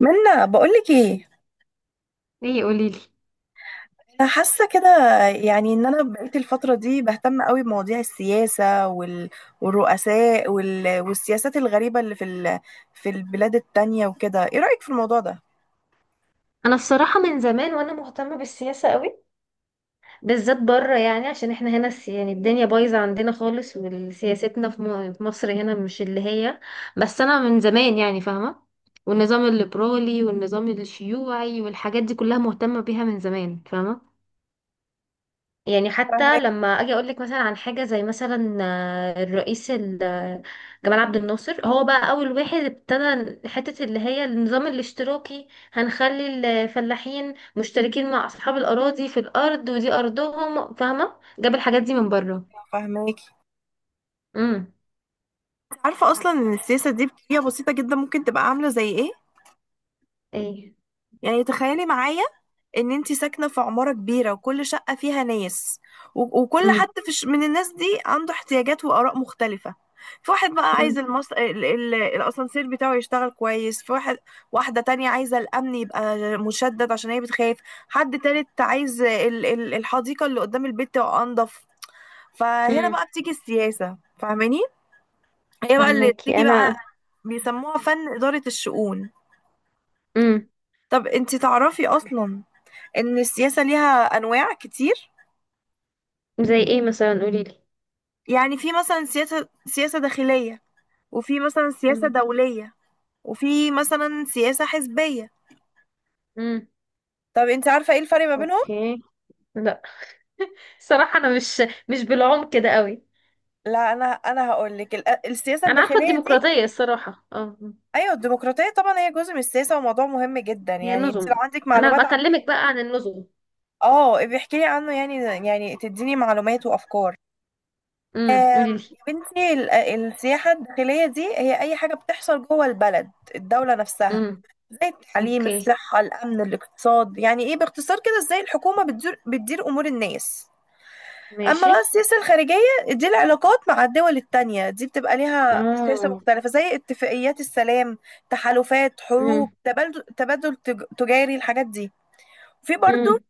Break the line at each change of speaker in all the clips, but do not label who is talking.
منا بقولك ايه.
ليه؟ قوليلي.
انا حاسه كده. يعني ان انا بقيت الفتره دي بهتم قوي بمواضيع السياسه والرؤساء والسياسات الغريبه اللي في في البلاد التانية وكده، ايه رايك في الموضوع ده؟
انا الصراحه من زمان وانا مهتمه بالسياسه قوي، بالذات بره. يعني عشان احنا هنا يعني الدنيا بايظه عندنا خالص، وسياستنا في مصر هنا مش اللي هي. بس انا من زمان يعني فاهمه، والنظام الليبرالي والنظام الشيوعي والحاجات دي كلها مهتمه بيها من زمان، فاهمه. يعني حتى
فاهماكي.
لما اجي اقول لك مثلا عن حاجه زي مثلا الرئيس جمال عبد الناصر، هو بقى اول واحد ابتدى حته اللي هي النظام الاشتراكي، هنخلي الفلاحين مشتركين مع اصحاب الاراضي في الارض، ودي ارضهم، فاهمه؟ جاب الحاجات دي من بره.
فاهماكي.
امم.
عارفه اصلا ان السياسه دي بطريقه بسيطه جدا ممكن تبقى عامله زي ايه؟
ايه؟
يعني تخيلي معايا ان انت ساكنه في عماره كبيره وكل شقه فيها ناس، وكل
امم.
حد في من الناس دي عنده احتياجات واراء مختلفه. في واحد بقى عايز
مم.
الاسانسير بتاعه يشتغل كويس، في واحد واحده تانية عايزه الامن يبقى مشدد عشان هي بتخاف، حد تالت عايز الحديقه اللي قدام البيت تبقى انضف. فهنا
امم.
بقى بتيجي السياسه، فاهماني؟ هي بقى اللي
فهماكي
بتيجي
انا.
بقى بيسموها فن اداره الشؤون.
امم.
طب انت تعرفي اصلا ان السياسه ليها انواع كتير؟
زي ايه مثلا؟ قولي لي.
يعني في مثلا سياسة داخلية، وفي مثلا سياسة
مم.
دولية، وفي مثلا سياسة حزبية.
امم.
طب انت عارفة ايه الفرق ما بينهم؟
اوكي. لا، صراحه انا مش بالعمق كده قوي.
لا، انا هقول لك. السياسة
انا عارفه
الداخلية دي،
الديمقراطيه الصراحه، اه.
ايوه الديمقراطية طبعا هي جزء من السياسة وموضوع مهم جدا،
هي
يعني انت لو
نظم،
عندك
انا
معلومات عن،
بكلمك بقى عن النظم.
اه بيحكي لي عنه يعني، يعني تديني معلومات وافكار.
امم، قولي
يا
لي.
بنتي السياحة الداخلية دي هي اي حاجة بتحصل جوه البلد الدولة نفسها،
امم.
زي التعليم
اوكي.
الصحة الأمن الاقتصاد، يعني إيه باختصار كده إزاي الحكومة بتدير أمور الناس. أما
ماشي.
بقى السياسة الخارجية، دي العلاقات مع الدول التانية، دي بتبقى ليها سياسة
اه.
مختلفة زي اتفاقيات السلام، تحالفات،
امم.
حروب، تجاري، الحاجات دي. في برضو
امم.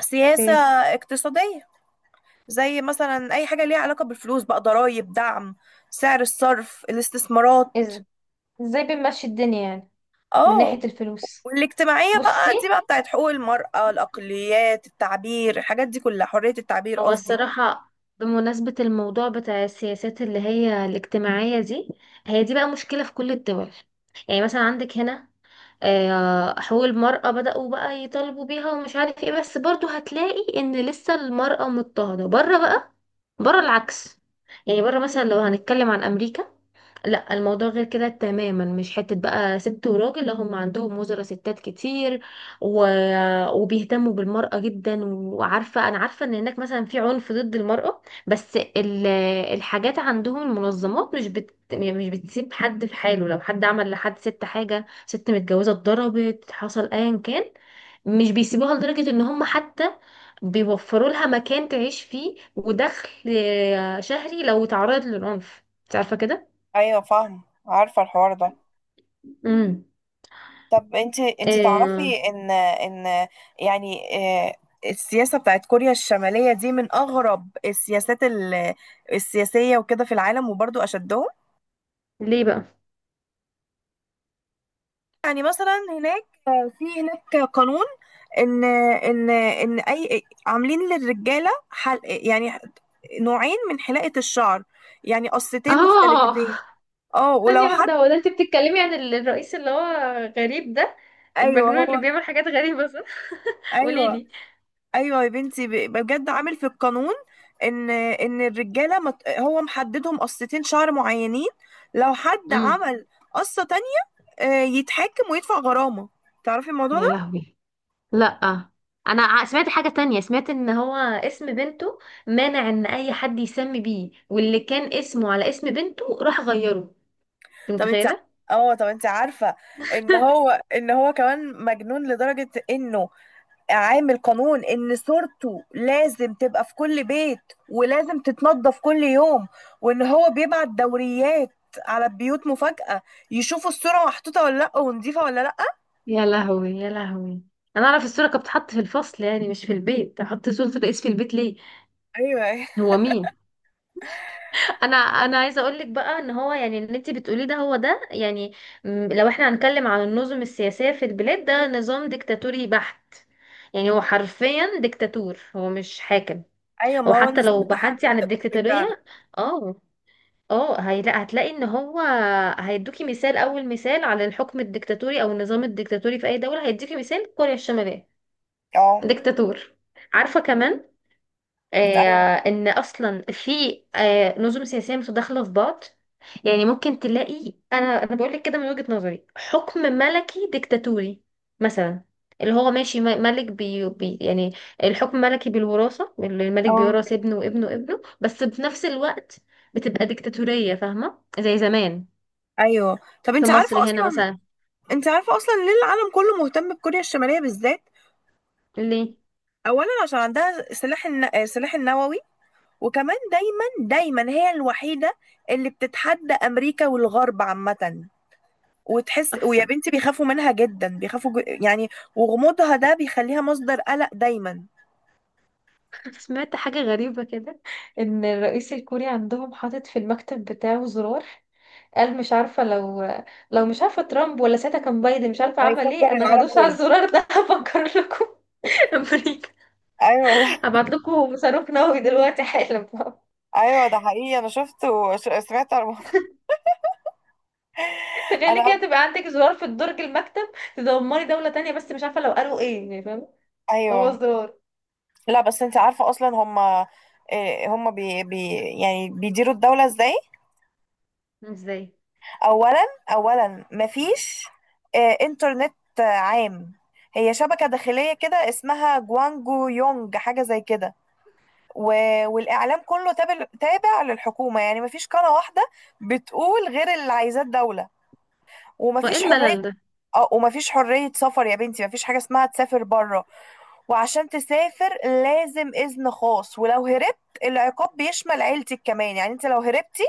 سياسة
اوكي.
اقتصادية، زي مثلا أي حاجة ليها علاقة بالفلوس بقى، ضرائب، دعم، سعر الصرف، الاستثمارات.
ازاي؟ ازاي بنمشي الدنيا يعني، من
اه
ناحية الفلوس؟
والاجتماعية
بصي،
بقى دي بقى بتاعت حقوق المرأة، الأقليات، التعبير، الحاجات دي كلها، حرية التعبير
هو
قصدي.
الصراحه بمناسبه الموضوع بتاع السياسات اللي هي الاجتماعيه دي، هي دي بقى مشكله في كل الدول. يعني مثلا عندك هنا، حقوق المرأة بدأوا بقى يطالبوا بيها ومش عارف ايه، بس برضو هتلاقي ان لسه المرأة مضطهدة بره بقى. بره العكس، يعني بره مثلا لو هنتكلم عن أمريكا، لا الموضوع غير كده تماما، مش حتة بقى ست وراجل، لا هم عندهم وزراء ستات كتير. و... وبيهتموا بالمرأة جدا، وعارفة، أنا عارفة إن هناك مثلا في عنف ضد المرأة، بس الحاجات عندهم، المنظمات مش بت... يعني مش بتسيب حد في حاله. لو حد عمل لحد ست حاجة، ست متجوزة اتضربت، حصل أيا كان، مش بيسيبوها، لدرجة إن هم حتى بيوفروا لها مكان تعيش فيه ودخل شهري لو تعرضت للعنف، انت عارفة كده؟
ايوه فاهم، عارفه الحوار ده.
مم.
طب انت تعرفي
آه.
ان يعني آه، السياسه بتاعت كوريا الشماليه دي من اغرب السياسات السياسيه وكده في العالم، وبرضو اشدهم.
ليه بقى؟
يعني مثلا هناك في هناك قانون ان اي عاملين للرجاله حل، يعني نوعين من حلاقه الشعر، يعني قصتين
اه.
مختلفتين. اه
ثانية
ولو حد
واحدة، هو ده انت بتتكلمي عن الرئيس اللي هو غريب ده،
ايوه
المجنون اللي
هو.
بيعمل حاجات غريبة، صح؟ قولي
ايوه،
لي.
ايوه يا بنتي بجد عامل في القانون ان الرجاله هو محددهم قصتين شعر معينين. لو حد
امم.
عمل قصه تانية، يتحاكم ويدفع غرامه، تعرفي الموضوع؟
يا لهوي، لا انا سمعت حاجة تانية، سمعت ان هو اسم بنته مانع ان اي حد يسمي بيه، واللي كان اسمه على اسم بنته راح غيره، انت
طب انت،
متخيلة؟
اه طب انت عارفة ان هو، ان هو كمان مجنون لدرجة انه عامل قانون ان صورته لازم تبقى في كل بيت ولازم تتنضف كل يوم، وان هو بيبعت دوريات على البيوت مفاجأة يشوفوا الصورة محطوطة ولا لأ ونضيفة ولا لأ.
يا لهوي يا لهوي. انا اعرف الصورة كانت بتتحط في الفصل يعني، مش في البيت. احط صورة الرئيس في البيت ليه؟
ايوه.
هو مين؟ انا عايزه اقول لك بقى ان هو، يعني اللي انت بتقوليه ده هو ده، يعني لو احنا هنتكلم عن النظم السياسيه في البلاد، ده نظام ديكتاتوري بحت. يعني هو حرفيا ديكتاتور، هو مش حاكم.
ايوه ما هو
وحتى
النظام
لو
بتاعها
بحثتي عن
ديكتاتوري فعلا.
الديكتاتوريه، اه اه، هتلاقي ان هو هيدوكي مثال، اول مثال على الحكم الديكتاتوري او النظام الديكتاتوري في اي دوله، هيديكي مثال كوريا الشماليه.
اه.
ديكتاتور. عارفه كمان
ايوه.
ان اصلا في نظم سياسيه متداخله في بعض. يعني ممكن تلاقي، انا بقول لك كده من وجهه نظري، حكم ملكي ديكتاتوري مثلا، اللي هو ماشي ملك بي يعني، الحكم ملكي بالوراثه، اللي الملك
اه.
بيورث ابنه وابنه وابنه، بس في نفس الوقت بتبقى ديكتاتوريه، فاهمه؟ زي زمان
ايوه. طب
في
انت عارفة
مصر هنا
اصلا،
مثلا.
انت عارفة اصلا ليه العالم كله مهتم بكوريا الشمالية بالذات؟
ليه؟
اولا عشان عندها سلاح النووي، وكمان دايما هي الوحيده اللي بتتحدى امريكا والغرب عامه، وتحس ويا
احسن.
بنتي بيخافوا منها جدا، يعني وغموضها ده بيخليها مصدر قلق دايما.
سمعت حاجه غريبه كده، ان الرئيس الكوري عندهم حاطط في المكتب بتاعه زرار، قال مش عارفة لو مش عارفة ترامب ولا ساعتها كان بايدن، مش عارفة عمل
هيفجر
ايه، انا
العالم
هدوس على
كله.
الزرار ده. هفكر لكم، امريكا،
ايوه ده.
هبعت لكم صاروخ نووي دلوقتي حالا.
ايوه ده حقيقي، انا شفت وسمعت عن الموضوع.
تخيلي
انا
كده
قبل،
تبقى عندك زرار في درج المكتب، تدمري دولة تانية، بس مش عارفة لو قالوا ايه يعني، فاهمة؟ هو
ايوه.
زرار.
لا بس انت عارفه اصلا هم، هم بي... بي يعني بيديروا الدوله ازاي؟
ازاي؟
اولا، اولا مفيش انترنت عام، هي شبكه داخليه كده اسمها جوانجو يونج حاجه زي كده، و... والاعلام كله تابع للحكومه، يعني مفيش قناه واحده بتقول غير اللي عايزاه الدوله،
وايه
ومفيش حريه.
الملل ده؟
اه ومفيش حريه سفر، يا بنتي مفيش حاجه اسمها تسافر بره، وعشان تسافر لازم اذن خاص، ولو هربت العقاب بيشمل عيلتك كمان، يعني انت لو هربتي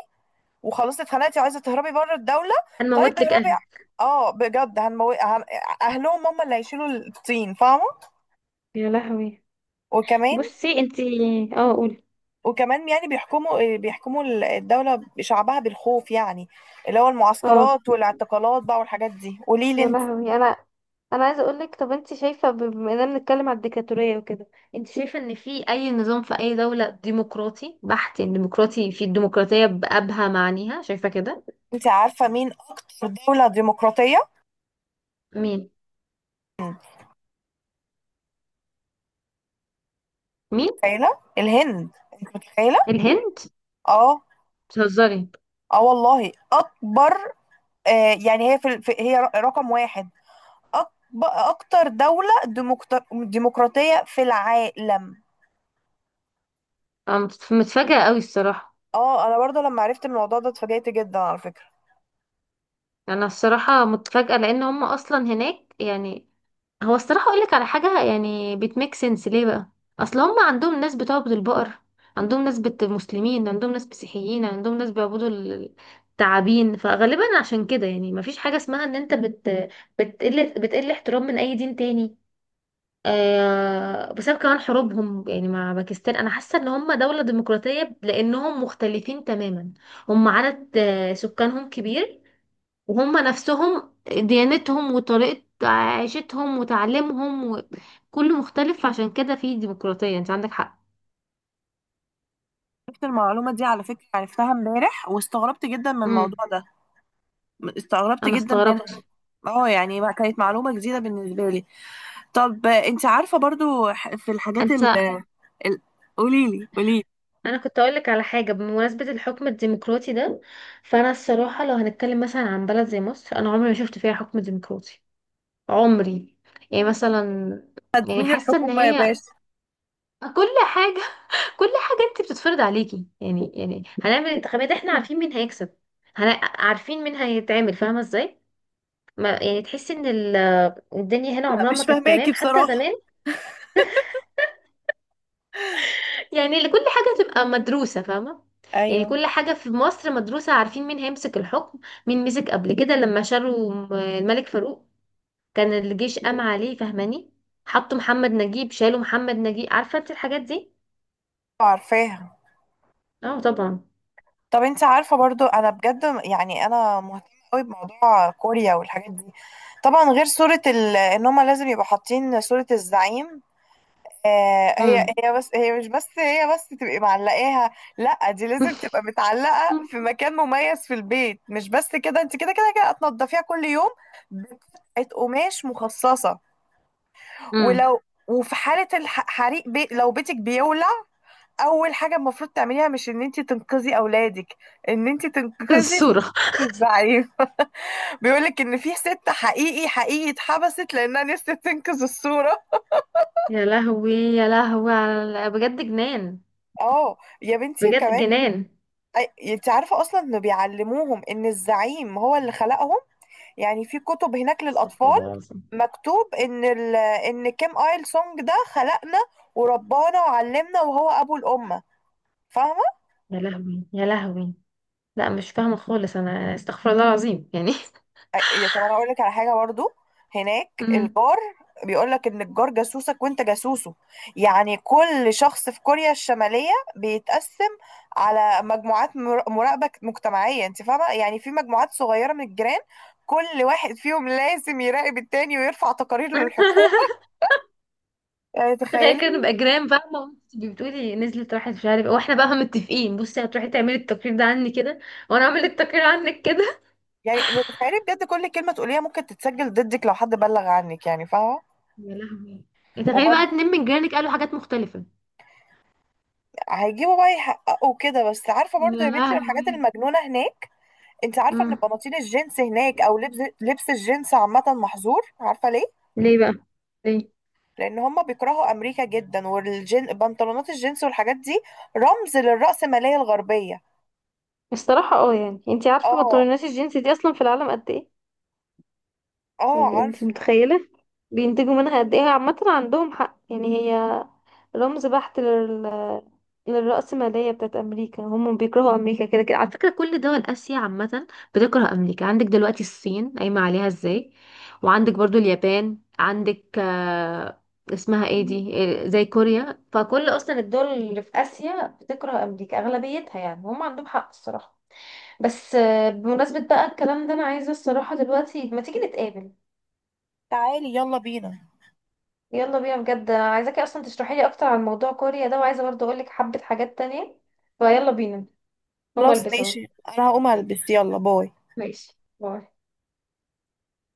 وخلاص اتخنقتي وعايزه تهربي بره الدوله، طيب
هنموت لك
اهربي،
اهلك.
اه بجد اهلهم هم اللي هيشيلوا الطين، فاهمه؟
يا لهوي.
وكمان،
بصي انتي. اه، قولي.
وكمان يعني بيحكموا الدوله شعبها بالخوف، يعني اللي هو
اه.
المعسكرات والاعتقالات بقى والحاجات دي. قولي لي
يا
انت.
لهوي. انا عايزه اقول لك، طب انت شايفه بما اننا بنتكلم على الديكتاتوريه وكده، انت شايفه ان في اي نظام في اي دوله ديمقراطي بحت يعني، ديمقراطي في الديمقراطيه بابهى معانيها، شايفه كده؟
انت عارفه مين اكتر دوله ديمقراطيه؟
مين؟ مين؟
متخيله الهند؟ انت متخيله؟
الهند؟
اه،
بتهزري؟
اه والله اكبر. آه يعني هي في هي رقم واحد، اكتر دولة ديمقراطية في العالم.
انا متفاجئه قوي الصراحه.
اه انا برضو لما عرفت الموضوع ده اتفاجأت جدا على فكرة.
انا الصراحه متفاجئه، لان هم اصلا هناك يعني، هو الصراحة اقول لك على حاجة يعني بتميك سنس، ليه بقى؟ اصل هم عندهم ناس بتعبد البقر، عندهم ناس مسلمين، عندهم ناس مسيحيين، عندهم ناس بيعبدوا التعابين، فغالبا عشان كده يعني مفيش حاجة اسمها ان انت بت بتقل بتقل احترام من اي دين تاني. آه، بسبب كمان حروبهم يعني مع باكستان، انا حاسة ان هم دولة ديمقراطية لانهم مختلفين تماما، هم عدد سكانهم كبير، وهم نفسهم ديانتهم وطريقة عيشتهم وتعليمهم وكله مختلف، عشان كده في ديمقراطية، انت عندك حق.
عرفت المعلومة دي على فكرة، عرفتها امبارح واستغربت جدا من
امم.
الموضوع ده، استغربت
انا
جدا منها.
استغربت.
اه يعني ما كانت معلومة جديدة بالنسبة لي. طب انت عارفة برضو في الحاجات
انت.
ال- قوليلي، قوليلي.
انا كنت اقول لك على حاجة بمناسبة الحكم الديمقراطي ده، فانا الصراحة لو هنتكلم مثلا عن بلد زي مصر، انا عمري ما شفت فيها حكم ديمقراطي، عمري. يعني مثلا، يعني
خدامين
حاسة ان
الحكومة يا
هي
باشا.
كل حاجة، كل حاجة انت بتتفرض عليكي يعني هنعمل انتخابات احنا عارفين مين هيكسب، عارفين مين هيتعمل، فاهمة ازاي؟ ما يعني تحسي ان الدنيا هنا
لا
عمرها ما
مش
كانت
فاهماكي
تمام حتى
بصراحة.
زمان، يعني اللي كل حاجة تبقى مدروسة، فاهمة؟ يعني
ايوه.
كل حاجة في مصر مدروسة، عارفين مين هيمسك الحكم، مين مسك قبل كده. لما شالوا الملك فاروق، كان الجيش قام عليه، فاهماني؟ حطوا محمد نجيب، شالوا محمد نجيب، عارفة انت الحاجات دي.
عارفاها.
اه طبعا.
طب انت عارفة برضو، انا بجد يعني انا مهتمة قوي بموضوع كوريا والحاجات دي، طبعا غير ان هما لازم يبقوا حاطين صورة الزعيم. آه هي
امم.
هي بس هي مش بس هي بس تبقي معلقاها، لا دي لازم تبقى متعلقة في مكان مميز في البيت، مش بس كده، انت كده هتنضفيها كل يوم بقطعة قماش مخصصة.
امم.
ولو، وفي حالة لو بيتك بيولع، اول حاجه المفروض تعمليها مش ان انت تنقذي اولادك، ان انت تنقذي صورة
الصورة.
الزعيم. بيقول لك ان في ست حقيقي اتحبست لانها نفسها تنقذ الصوره.
يا لهوي يا لهوي، على بجد جنان،
اه يا بنتي
بجد
كمان،
جنان.
انت عارفه اصلا انه بيعلموهم ان الزعيم هو اللي خلقهم، يعني في كتب هناك
استغفر
للاطفال
الله العظيم.
مكتوب ان كيم ايل سونج ده خلقنا وربانا وعلمنا وهو ابو الامه، فاهمه؟
يا لهوي يا لهوي، لا مش فاهمة خالص انا، استغفر الله العظيم يعني.
أي- طب انا اقول لك على حاجه برضو، هناك
أمم.
الجار بيقول لك ان الجار جاسوسك وانت جاسوسه، يعني كل شخص في كوريا الشماليه بيتقسم على مجموعات مراقبه مجتمعيه، انت فاهمه، يعني في مجموعات صغيره من الجيران كل واحد فيهم لازم يراقب التاني ويرفع تقارير للحكومه. يعني
تخيل
تخيلي.
كده نبقى جيران بقى، ما أنت بتقولي نزلت راحت مش عارف إيه، واحنا بقى متفقين، بصي هتروحي تعملي التقرير ده عني كده، وانا اعمل التقرير عنك كده.
يعني تخيلي بجد كل كلمه تقوليها ممكن تتسجل ضدك لو حد بلغ عنك، يعني فاهمه.
يا لهوي. تخيلي بقى
وبرضه
اتنين من جيرانك قالوا حاجات مختلفة.
هيجيبوا بقى يحققوا كده. بس عارفه برضه
يا
يا بنتي من الحاجات
لهوي.
المجنونه هناك، انت عارفه ان
أمم.
بناطيل الجينز هناك او لبس الجينز عامه محظور؟ عارفه ليه؟
ليه بقى؟ ليه؟
لان هم بيكرهوا امريكا جدا، والجين بنطلونات الجينز والحاجات دي رمز للرأسمالية الغربيه.
الصراحة اه يعني، انتي عارفة
اه.
بطلونات الجينز دي اصلا في العالم قد ايه؟
اه
يعني انتي
عارفه.
متخيلة بينتجوا منها قد ايه؟ عامة عندهم حق يعني، هي رمز بحت للرأسمالية بتاعت أمريكا. هم بيكرهوا أمريكا كده كده، على فكرة كل دول آسيا عامة بتكره أمريكا، عندك دلوقتي الصين قايمة عليها ازاي، وعندك برضو اليابان، عندك اسمها ايه دي، إيه، زي كوريا، فكل أصلا الدول اللي في آسيا بتكره أمريكا أغلبيتها، يعني هم عندهم حق الصراحة. بس بمناسبة بقى الكلام ده، أنا عايزة الصراحة دلوقتي ما تيجي نتقابل.
تعالي يلا بينا.
يلا بينا بجد، انا عايزاكي اصلا تشرحي لي اكتر عن موضوع كوريا ده، وعايزه برضه اقول لك حبه حاجات تانية، فيلا بينا، هما
خلاص
البس اهو.
ماشي، انا هقوم البس، يلا باي.
ماشي باي.